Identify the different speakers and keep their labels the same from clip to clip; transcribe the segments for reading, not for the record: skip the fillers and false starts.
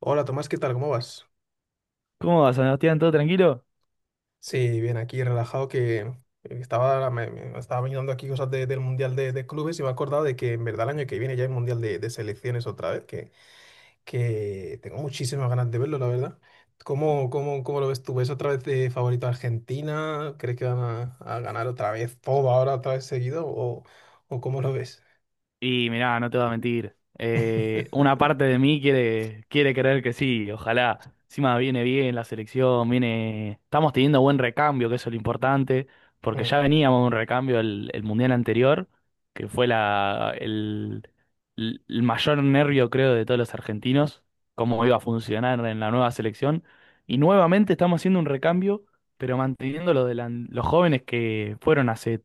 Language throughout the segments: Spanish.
Speaker 1: Hola Tomás, ¿qué tal? ¿Cómo vas?
Speaker 2: ¿Cómo va, Sebastián? ¿Todo tranquilo?
Speaker 1: Sí, bien, aquí relajado que me estaba mirando aquí cosas del Mundial de Clubes y me he acordado de que en verdad el año que viene ya hay Mundial de Selecciones otra vez, que tengo muchísimas ganas de verlo, la verdad. ¿Cómo lo ves tú? ¿Ves otra vez de favorito a Argentina? ¿Crees que van a ganar otra vez todo ahora, otra vez seguido? ¿O cómo lo ves?
Speaker 2: Y mirá, no te voy a mentir. Una parte de mí quiere creer que sí, ojalá. Encima viene bien la selección, viene. Estamos teniendo buen recambio, que eso es lo importante, porque
Speaker 1: Mm.
Speaker 2: ya veníamos de un recambio el mundial anterior, que fue la, el mayor nervio, creo, de todos los argentinos, cómo iba a funcionar en la nueva selección. Y nuevamente estamos haciendo un recambio, pero manteniendo lo de los jóvenes que fueron hace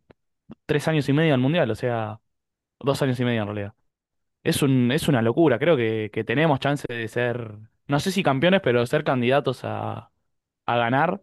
Speaker 2: tres años y medio al mundial, o sea, dos años y medio en realidad. Es es una locura, creo que tenemos chance de ser, no sé si campeones, pero ser candidatos a ganar.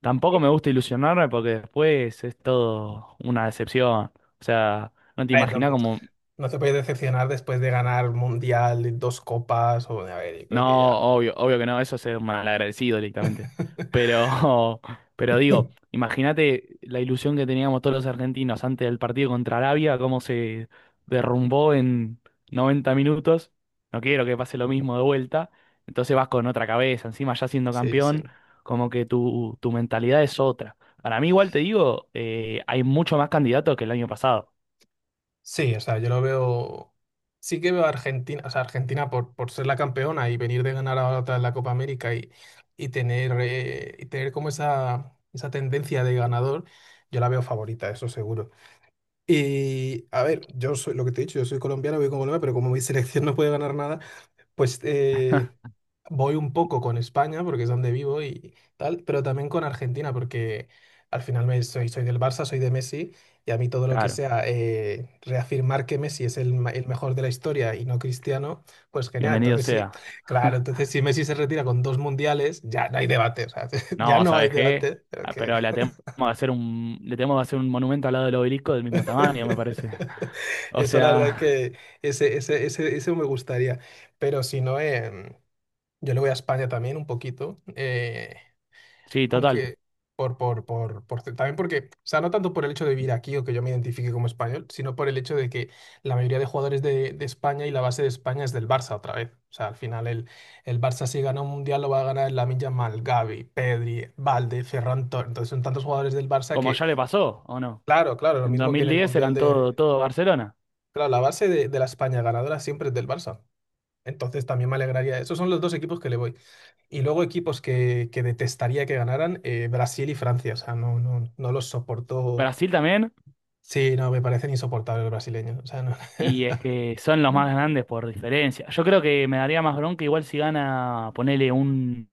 Speaker 2: Tampoco me gusta ilusionarme porque después es todo una decepción. O sea, no te
Speaker 1: A ver, no,
Speaker 2: imaginas cómo.
Speaker 1: no te puedes decepcionar después de ganar Mundial, dos copas, o a ver, yo creo que
Speaker 2: No,
Speaker 1: ya.
Speaker 2: obvio, obvio que no, eso es ser malagradecido directamente. Pero, pero digo, imagínate la ilusión que teníamos todos los argentinos antes del partido contra Arabia, cómo se derrumbó en 90 minutos. No quiero que pase lo mismo de vuelta. Entonces vas con otra cabeza, encima ya siendo
Speaker 1: Sí, sí.
Speaker 2: campeón, como que tu mentalidad es otra. Para mí, igual te digo, hay mucho más candidatos que el año pasado.
Speaker 1: Sí, o sea, yo lo veo. Sí que veo a Argentina, o sea, Argentina por ser la campeona y venir de ganar ahora otra vez la Copa América y tener, y tener como esa tendencia de ganador, yo la veo favorita, eso seguro. Y a ver, yo soy lo que te he dicho, yo soy colombiano, voy con Colombia, pero como mi selección no puede ganar nada, pues voy un poco con España, porque es donde vivo y tal, pero también con Argentina, porque al final soy del Barça, soy de Messi, y a mí todo lo que
Speaker 2: Claro,
Speaker 1: sea reafirmar que Messi es el mejor de la historia y no Cristiano, pues genial.
Speaker 2: bienvenido
Speaker 1: Entonces sí,
Speaker 2: sea.
Speaker 1: claro, entonces si Messi se retira con dos mundiales, ya no hay debate, o sea, ya
Speaker 2: No,
Speaker 1: no hay
Speaker 2: ¿sabes qué?
Speaker 1: debate, pero
Speaker 2: Ah, pero
Speaker 1: que...
Speaker 2: le tenemos que hacer le tenemos que hacer un monumento al lado del obelisco del mismo tamaño, me parece. O
Speaker 1: Eso la verdad
Speaker 2: sea,
Speaker 1: que ese me gustaría, pero si no... Yo le voy a España también un poquito,
Speaker 2: sí, total.
Speaker 1: aunque también porque, o sea, no tanto por el hecho de vivir aquí o que yo me identifique como español, sino por el hecho de que la mayoría de jugadores de España y la base de España es del Barça otra vez. O sea, al final el Barça si gana un mundial lo va a ganar Lamine Yamal, Gavi, Pedri, Valde, entonces son tantos jugadores del Barça
Speaker 2: Como
Speaker 1: que,
Speaker 2: ya le pasó, ¿o no?
Speaker 1: claro, claro, lo
Speaker 2: En dos
Speaker 1: mismo que en
Speaker 2: mil
Speaker 1: el
Speaker 2: diez
Speaker 1: mundial
Speaker 2: eran
Speaker 1: de...
Speaker 2: todo, todo Barcelona.
Speaker 1: Claro, la base de la España ganadora siempre es del Barça. Entonces también me alegraría. Esos son los dos equipos que le voy. Y luego equipos que detestaría que ganaran, Brasil y Francia. O sea, no, no, no los soporto.
Speaker 2: Brasil también,
Speaker 1: Sí, no, me parecen insoportables los brasileños. O sea, no.
Speaker 2: y es que son los más grandes por diferencia. Yo creo que me daría más bronca igual si gana, ponele un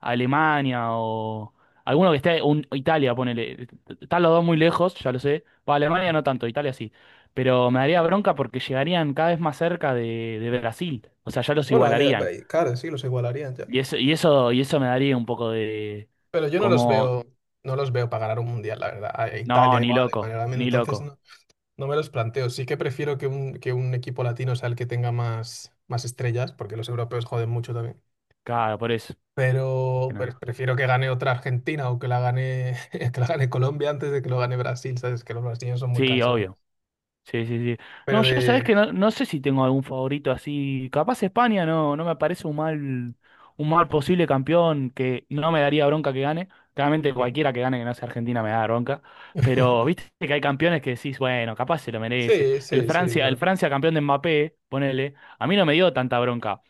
Speaker 2: Alemania o alguno que esté, un, Italia, ponele. Están los dos muy lejos, ya lo sé. Para Alemania no tanto, Italia sí. Pero me daría bronca porque llegarían cada vez más cerca de Brasil. O sea, ya los
Speaker 1: Bueno,
Speaker 2: igualarían.
Speaker 1: ale- claro, sí, los igualarían ya.
Speaker 2: Y eso, y eso, y eso me daría un poco de
Speaker 1: Pero yo no los
Speaker 2: como,
Speaker 1: veo, no los veo para ganar un mundial, la verdad. A
Speaker 2: no,
Speaker 1: Italia
Speaker 2: ni
Speaker 1: igual, Alemania,
Speaker 2: loco,
Speaker 1: realmente,
Speaker 2: ni
Speaker 1: entonces
Speaker 2: loco.
Speaker 1: no, no me los planteo. Sí que prefiero que un equipo latino sea el que tenga más, más estrellas, porque los europeos joden mucho también.
Speaker 2: Claro, por eso. Más
Speaker 1: Pero
Speaker 2: que nada.
Speaker 1: prefiero que gane otra Argentina o que la gane, que la gane Colombia antes de que lo gane Brasil, ¿sabes? Que los brasileños son muy
Speaker 2: Sí,
Speaker 1: cansones.
Speaker 2: obvio. Sí, sí, sí.
Speaker 1: Pero
Speaker 2: No, yo sabés
Speaker 1: de...
Speaker 2: que no, no sé si tengo algún favorito así. Capaz España no, no me parece un mal posible campeón que no me daría bronca que gane. Claramente
Speaker 1: mm,
Speaker 2: cualquiera que gane que no sea Argentina me da bronca. Pero viste que hay campeones que decís, bueno, capaz se lo merece.
Speaker 1: sí, sí, sí,
Speaker 2: El
Speaker 1: claro.
Speaker 2: Francia campeón de Mbappé, ponele, a mí no me dio tanta bronca.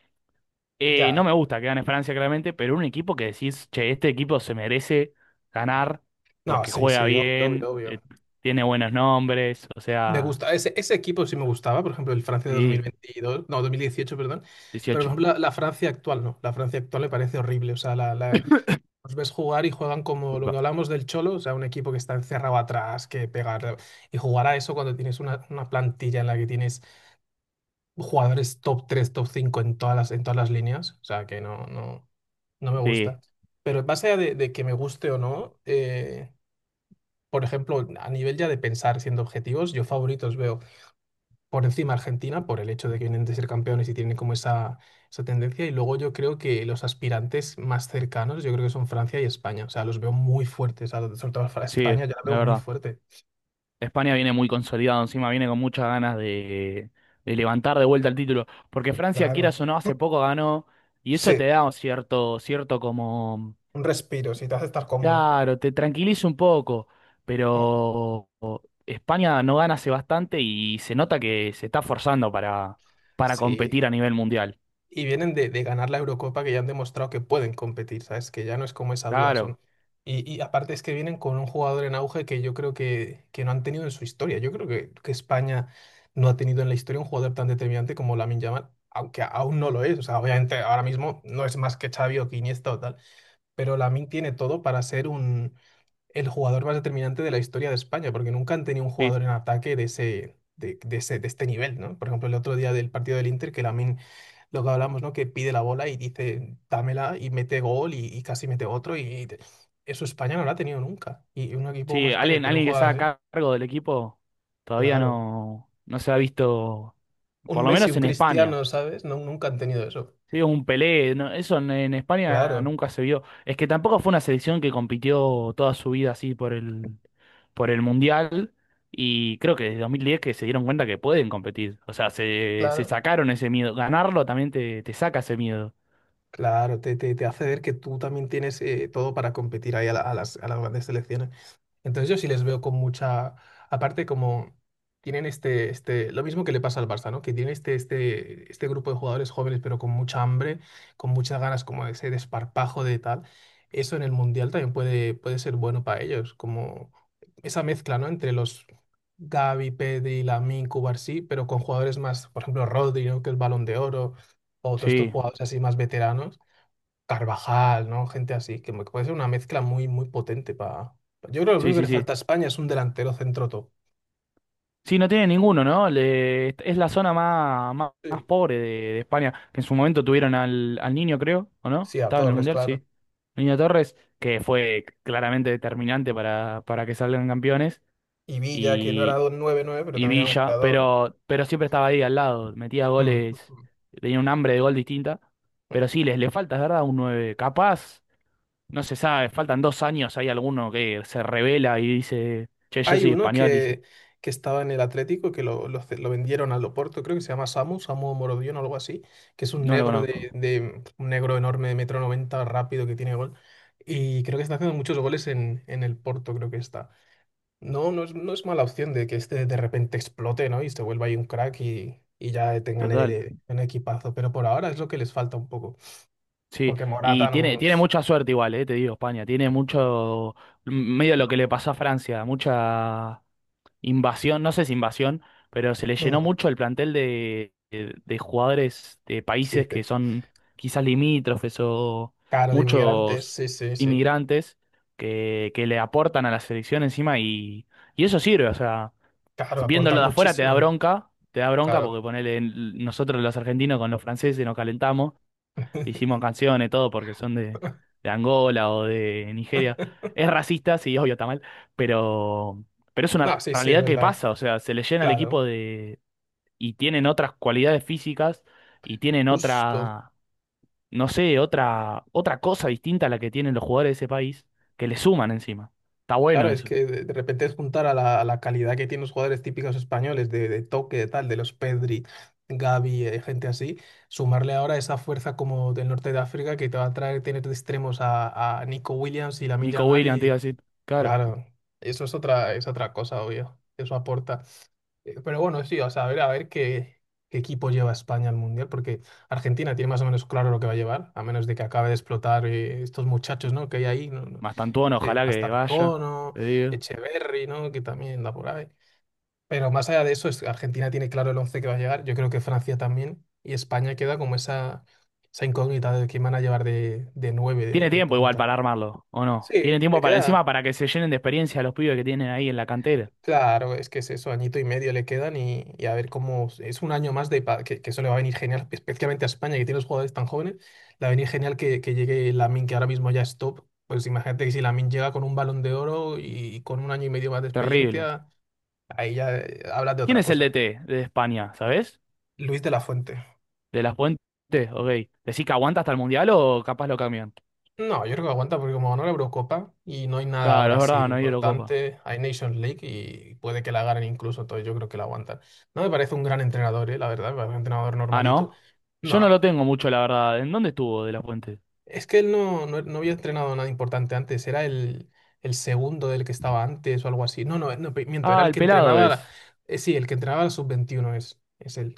Speaker 2: No
Speaker 1: Ya.
Speaker 2: me gusta que gane Francia, claramente, pero un equipo que decís, che, este equipo se merece ganar
Speaker 1: No,
Speaker 2: porque
Speaker 1: sí,
Speaker 2: juega
Speaker 1: sí, obvio,
Speaker 2: bien,
Speaker 1: obvio, obvio.
Speaker 2: tiene buenos nombres, o
Speaker 1: Me
Speaker 2: sea.
Speaker 1: gusta, ese equipo sí me gustaba, por ejemplo, el Francia de
Speaker 2: Sí,
Speaker 1: 2022, no, 2018, perdón, pero
Speaker 2: 18.
Speaker 1: por ejemplo la Francia actual, no, la Francia actual me parece horrible, o sea, los ves jugar y juegan como lo que
Speaker 2: Upa.
Speaker 1: hablamos del Cholo, o sea, un equipo que está encerrado atrás, que pegar, y jugar a eso cuando tienes una plantilla en la que tienes jugadores top 3 top 5 en todas en todas las líneas. O sea, que no, no, no me
Speaker 2: Sí,
Speaker 1: gusta. Pero más allá de que me guste o no, por ejemplo, a nivel ya de pensar siendo objetivos, yo favoritos veo por encima Argentina, por el hecho de que vienen de ser campeones y tienen como esa, tendencia. Y luego yo creo que los aspirantes más cercanos, yo creo que son Francia y España. O sea, los veo muy fuertes. O sea, sobre todo para
Speaker 2: sí,
Speaker 1: España, yo la veo
Speaker 2: la
Speaker 1: muy
Speaker 2: verdad.
Speaker 1: fuerte.
Speaker 2: España viene muy consolidado, encima viene con muchas ganas de levantar de vuelta el título. Porque Francia,
Speaker 1: Claro.
Speaker 2: quieras o no, hace poco ganó y eso
Speaker 1: Sí,
Speaker 2: te da un cierto, cierto como...
Speaker 1: un respiro, si te hace estar cómodo.
Speaker 2: Claro, te tranquiliza un poco,
Speaker 1: Oh,
Speaker 2: pero España no gana hace bastante y se nota que se está forzando para
Speaker 1: sí,
Speaker 2: competir a nivel mundial.
Speaker 1: y vienen de ganar la Eurocopa que ya han demostrado que pueden competir, ¿sabes? Que ya no es como esa duda,
Speaker 2: Claro,
Speaker 1: son. Y aparte es que vienen con un jugador en auge que yo creo que no han tenido en su historia. Yo creo que España no ha tenido en la historia un jugador tan determinante como Lamine Yamal, aunque aún no lo es. O sea, obviamente ahora mismo no es más que Xavi o que Iniesta o tal, pero Lamine tiene todo para ser el jugador más determinante de la historia de España, porque nunca han tenido un
Speaker 2: sí.
Speaker 1: jugador en ataque de este nivel, ¿no? Por ejemplo, el otro día del partido del Inter, que Lamine lo que hablamos, ¿no? Que pide la bola y dice, dámela y mete gol y casi mete otro. Eso España no lo ha tenido nunca. Y un equipo como
Speaker 2: Sí,
Speaker 1: España,
Speaker 2: alguien,
Speaker 1: tener un
Speaker 2: alguien que está
Speaker 1: jugador
Speaker 2: a
Speaker 1: así,
Speaker 2: cargo del equipo todavía
Speaker 1: claro.
Speaker 2: no, no se ha visto,
Speaker 1: Un
Speaker 2: por lo
Speaker 1: Messi,
Speaker 2: menos
Speaker 1: un
Speaker 2: en España.
Speaker 1: Cristiano, ¿sabes? No, nunca han tenido eso.
Speaker 2: Sí, un Pelé, no, eso en España
Speaker 1: Claro,
Speaker 2: nunca se vio. Es que tampoco fue una selección que compitió toda su vida así por el Mundial. Y creo que desde 2010 que se dieron cuenta que pueden competir. O sea, se
Speaker 1: claro.
Speaker 2: sacaron ese miedo. Ganarlo también te saca ese miedo.
Speaker 1: Claro, te hace ver que tú también tienes todo para competir ahí a las grandes selecciones. Entonces yo sí les veo con mucha, aparte como tienen lo mismo que le pasa al Barça, ¿no? Que tiene este grupo de jugadores jóvenes, pero con mucha hambre, con muchas ganas como de ese desparpajo de tal. Eso en el Mundial también puede ser bueno para ellos, como esa mezcla, ¿no? Entre los Gavi, Pedri, Lamine, Cubarsí, pero con jugadores más, por ejemplo, Rodri, ¿no? Que es Balón de Oro, o todos estos
Speaker 2: Sí,
Speaker 1: jugadores así más veteranos Carvajal, ¿no? Gente así, que me- puede ser una mezcla muy, muy potente para... Yo creo que lo único
Speaker 2: sí,
Speaker 1: que
Speaker 2: sí,
Speaker 1: le
Speaker 2: sí.
Speaker 1: falta a España es un delantero centro top.
Speaker 2: Sí, no tiene ninguno, ¿no? Le- es la zona más, más, más
Speaker 1: Sí,
Speaker 2: pobre de España, que en su momento tuvieron al, al niño, creo, ¿o no?
Speaker 1: sí, a
Speaker 2: Estaba en el
Speaker 1: Torres,
Speaker 2: Mundial,
Speaker 1: claro.
Speaker 2: sí. Niño Torres, que fue claramente determinante para que salgan campeones,
Speaker 1: Y Villa, que no era
Speaker 2: y,
Speaker 1: 2 nueve nueve pero
Speaker 2: y
Speaker 1: también era un
Speaker 2: Villa,
Speaker 1: goleador.
Speaker 2: pero siempre estaba ahí al lado, metía
Speaker 1: Mm.
Speaker 2: goles, tenía un hambre de gol distinta,
Speaker 1: Mm.
Speaker 2: pero sí, les le falta, es verdad, un nueve. Capaz, no se sabe, faltan dos años, hay alguno que se revela y dice, che, yo
Speaker 1: Hay
Speaker 2: soy
Speaker 1: uno
Speaker 2: español, dice,
Speaker 1: que estaba en el Atlético, que lo vendieron al Oporto, creo que se llama Samu Morodion o algo así, que es un
Speaker 2: no lo
Speaker 1: negro
Speaker 2: conozco.
Speaker 1: de un negro enorme de metro 90 rápido, que tiene gol. Y creo que está haciendo muchos goles en el Porto, creo que está. No, no es mala opción de que este de repente explote, ¿no? Y se vuelva ahí un crack y ya tengan
Speaker 2: Total.
Speaker 1: un equipazo. Pero por ahora es lo que les falta un poco.
Speaker 2: Sí,
Speaker 1: Porque
Speaker 2: y
Speaker 1: Morata
Speaker 2: tiene,
Speaker 1: no.
Speaker 2: tiene mucha suerte igual, te digo, España. Tiene mucho, medio lo que le pasó a Francia, mucha invasión, no sé si invasión, pero se le llenó
Speaker 1: Mm,
Speaker 2: mucho el plantel de jugadores de
Speaker 1: sí,
Speaker 2: países que son quizás limítrofes o
Speaker 1: caro de inmigrantes,
Speaker 2: muchos
Speaker 1: sí, sí, sí.
Speaker 2: inmigrantes que le aportan a la selección encima y eso sirve, o sea,
Speaker 1: Claro,
Speaker 2: viéndolo
Speaker 1: aportan
Speaker 2: de afuera
Speaker 1: muchísimo.
Speaker 2: te da bronca
Speaker 1: Claro.
Speaker 2: porque ponele, nosotros los argentinos con los franceses nos calentamos, le hicimos canciones, todo, porque son de Angola o de Nigeria. Es racista, sí, obvio, está mal, pero, pero es
Speaker 1: No,
Speaker 2: una
Speaker 1: sí, sí, es
Speaker 2: realidad que
Speaker 1: verdad.
Speaker 2: pasa, o sea, se le llena el equipo
Speaker 1: Claro.
Speaker 2: de... y tienen otras cualidades físicas y tienen
Speaker 1: Justo.
Speaker 2: otra, no sé, otra, otra cosa distinta a la que tienen los jugadores de ese país, que le suman encima. Está bueno
Speaker 1: Claro, es
Speaker 2: eso.
Speaker 1: que de repente es juntar a la calidad que tienen los jugadores típicos españoles, de toque, de tal, de los Pedri, Gavi, gente así, sumarle ahora esa fuerza como del norte de África que te va a traer tener de extremos a Nico Williams y Lamine
Speaker 2: Nico
Speaker 1: Yamal
Speaker 2: Williams, te iba a
Speaker 1: y
Speaker 2: decir, claro,
Speaker 1: claro, eso es otra cosa, obvio. Eso aporta. Pero bueno, sí, o sea, a ver qué equipo lleva España al Mundial, porque Argentina tiene más o menos claro lo que va a llevar, a menos de que acabe de explotar estos muchachos, ¿no? que hay ahí, ¿no? no,
Speaker 2: más Mastantuono, ojalá que vaya,
Speaker 1: Mastantuono,
Speaker 2: te digo.
Speaker 1: Echeverry, ¿no? que también da por ahí. Pero más allá de eso, Argentina tiene claro el 11 que va a llegar, yo creo que Francia también, y España queda como esa incógnita de quién van a llevar de 9 de,
Speaker 2: Tiene
Speaker 1: de
Speaker 2: tiempo igual para
Speaker 1: punta.
Speaker 2: armarlo, ¿o no?
Speaker 1: Sí,
Speaker 2: Tiene tiempo
Speaker 1: le
Speaker 2: para, encima
Speaker 1: queda.
Speaker 2: para que se llenen de experiencia los pibes que tienen ahí en la cantera.
Speaker 1: Claro, es que es eso, añito y medio le quedan y a ver cómo es un año más que eso le va a venir genial, especialmente a España que tiene los jugadores tan jóvenes, le va a venir genial que llegue Lamine que ahora mismo ya es top. Pues imagínate que si Lamine llega con un balón de oro con un año y medio más de
Speaker 2: Terrible.
Speaker 1: experiencia, ahí ya hablas de
Speaker 2: ¿Quién
Speaker 1: otra
Speaker 2: es el
Speaker 1: cosa.
Speaker 2: DT de España, sabes?
Speaker 1: Luis de la Fuente.
Speaker 2: De las Puentes, ok. ¿Decís que aguanta hasta el Mundial o capaz lo cambian?
Speaker 1: No, yo creo que aguanta porque como ganó la Eurocopa y no hay nada
Speaker 2: Claro,
Speaker 1: ahora
Speaker 2: es
Speaker 1: así
Speaker 2: verdad, no hay Eurocopa.
Speaker 1: importante, hay Nations League y puede que la ganen incluso, entonces yo creo que la aguantan. No me parece un gran entrenador, la verdad, me parece un entrenador
Speaker 2: Ah,
Speaker 1: normalito.
Speaker 2: ¿no? Yo no
Speaker 1: No,
Speaker 2: lo tengo mucho, la verdad. ¿En dónde estuvo de las Puentes?
Speaker 1: es que él no, no, no había entrenado nada importante antes, era el segundo del que estaba antes o algo así. No, no, no, miento, era
Speaker 2: Ah,
Speaker 1: el
Speaker 2: el
Speaker 1: que
Speaker 2: pelado
Speaker 1: entrenaba,
Speaker 2: es.
Speaker 1: sí, el que entrenaba la sub-21 es él.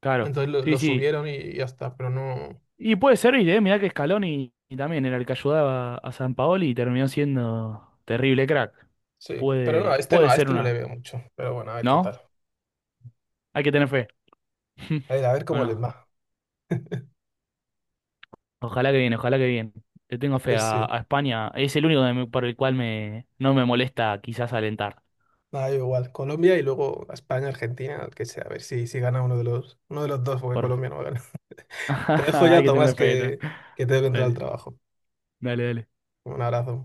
Speaker 2: Claro.
Speaker 1: Entonces lo,
Speaker 2: Sí,
Speaker 1: lo
Speaker 2: sí.
Speaker 1: subieron y ya está, pero no,
Speaker 2: Y puede servir, ¿eh? Mirá que Scaloni y también era el que ayudaba a San Paoli y terminó siendo terrible crack.
Speaker 1: sí, pero no,
Speaker 2: Puede,
Speaker 1: a este no,
Speaker 2: puede
Speaker 1: a
Speaker 2: ser
Speaker 1: este no le
Speaker 2: una,
Speaker 1: veo mucho, pero bueno, a ver qué
Speaker 2: ¿no?
Speaker 1: tal.
Speaker 2: Hay que tener fe.
Speaker 1: A ver cómo les
Speaker 2: Bueno,
Speaker 1: va.
Speaker 2: ojalá que bien, ojalá que bien. Le tengo fe
Speaker 1: Pues sí.
Speaker 2: a España. Es el único que me- por el cual me, no me molesta quizás alentar.
Speaker 1: Nada, yo igual, Colombia y luego España, Argentina, el que sea, a ver si gana uno de los dos, porque
Speaker 2: Por...
Speaker 1: Colombia no va a ganar. Te dejo ya,
Speaker 2: Hay que
Speaker 1: Tomás,
Speaker 2: tenerle fe. Ta.
Speaker 1: que tengo que entrar al
Speaker 2: Dale,
Speaker 1: trabajo.
Speaker 2: dale, dale.
Speaker 1: Un abrazo.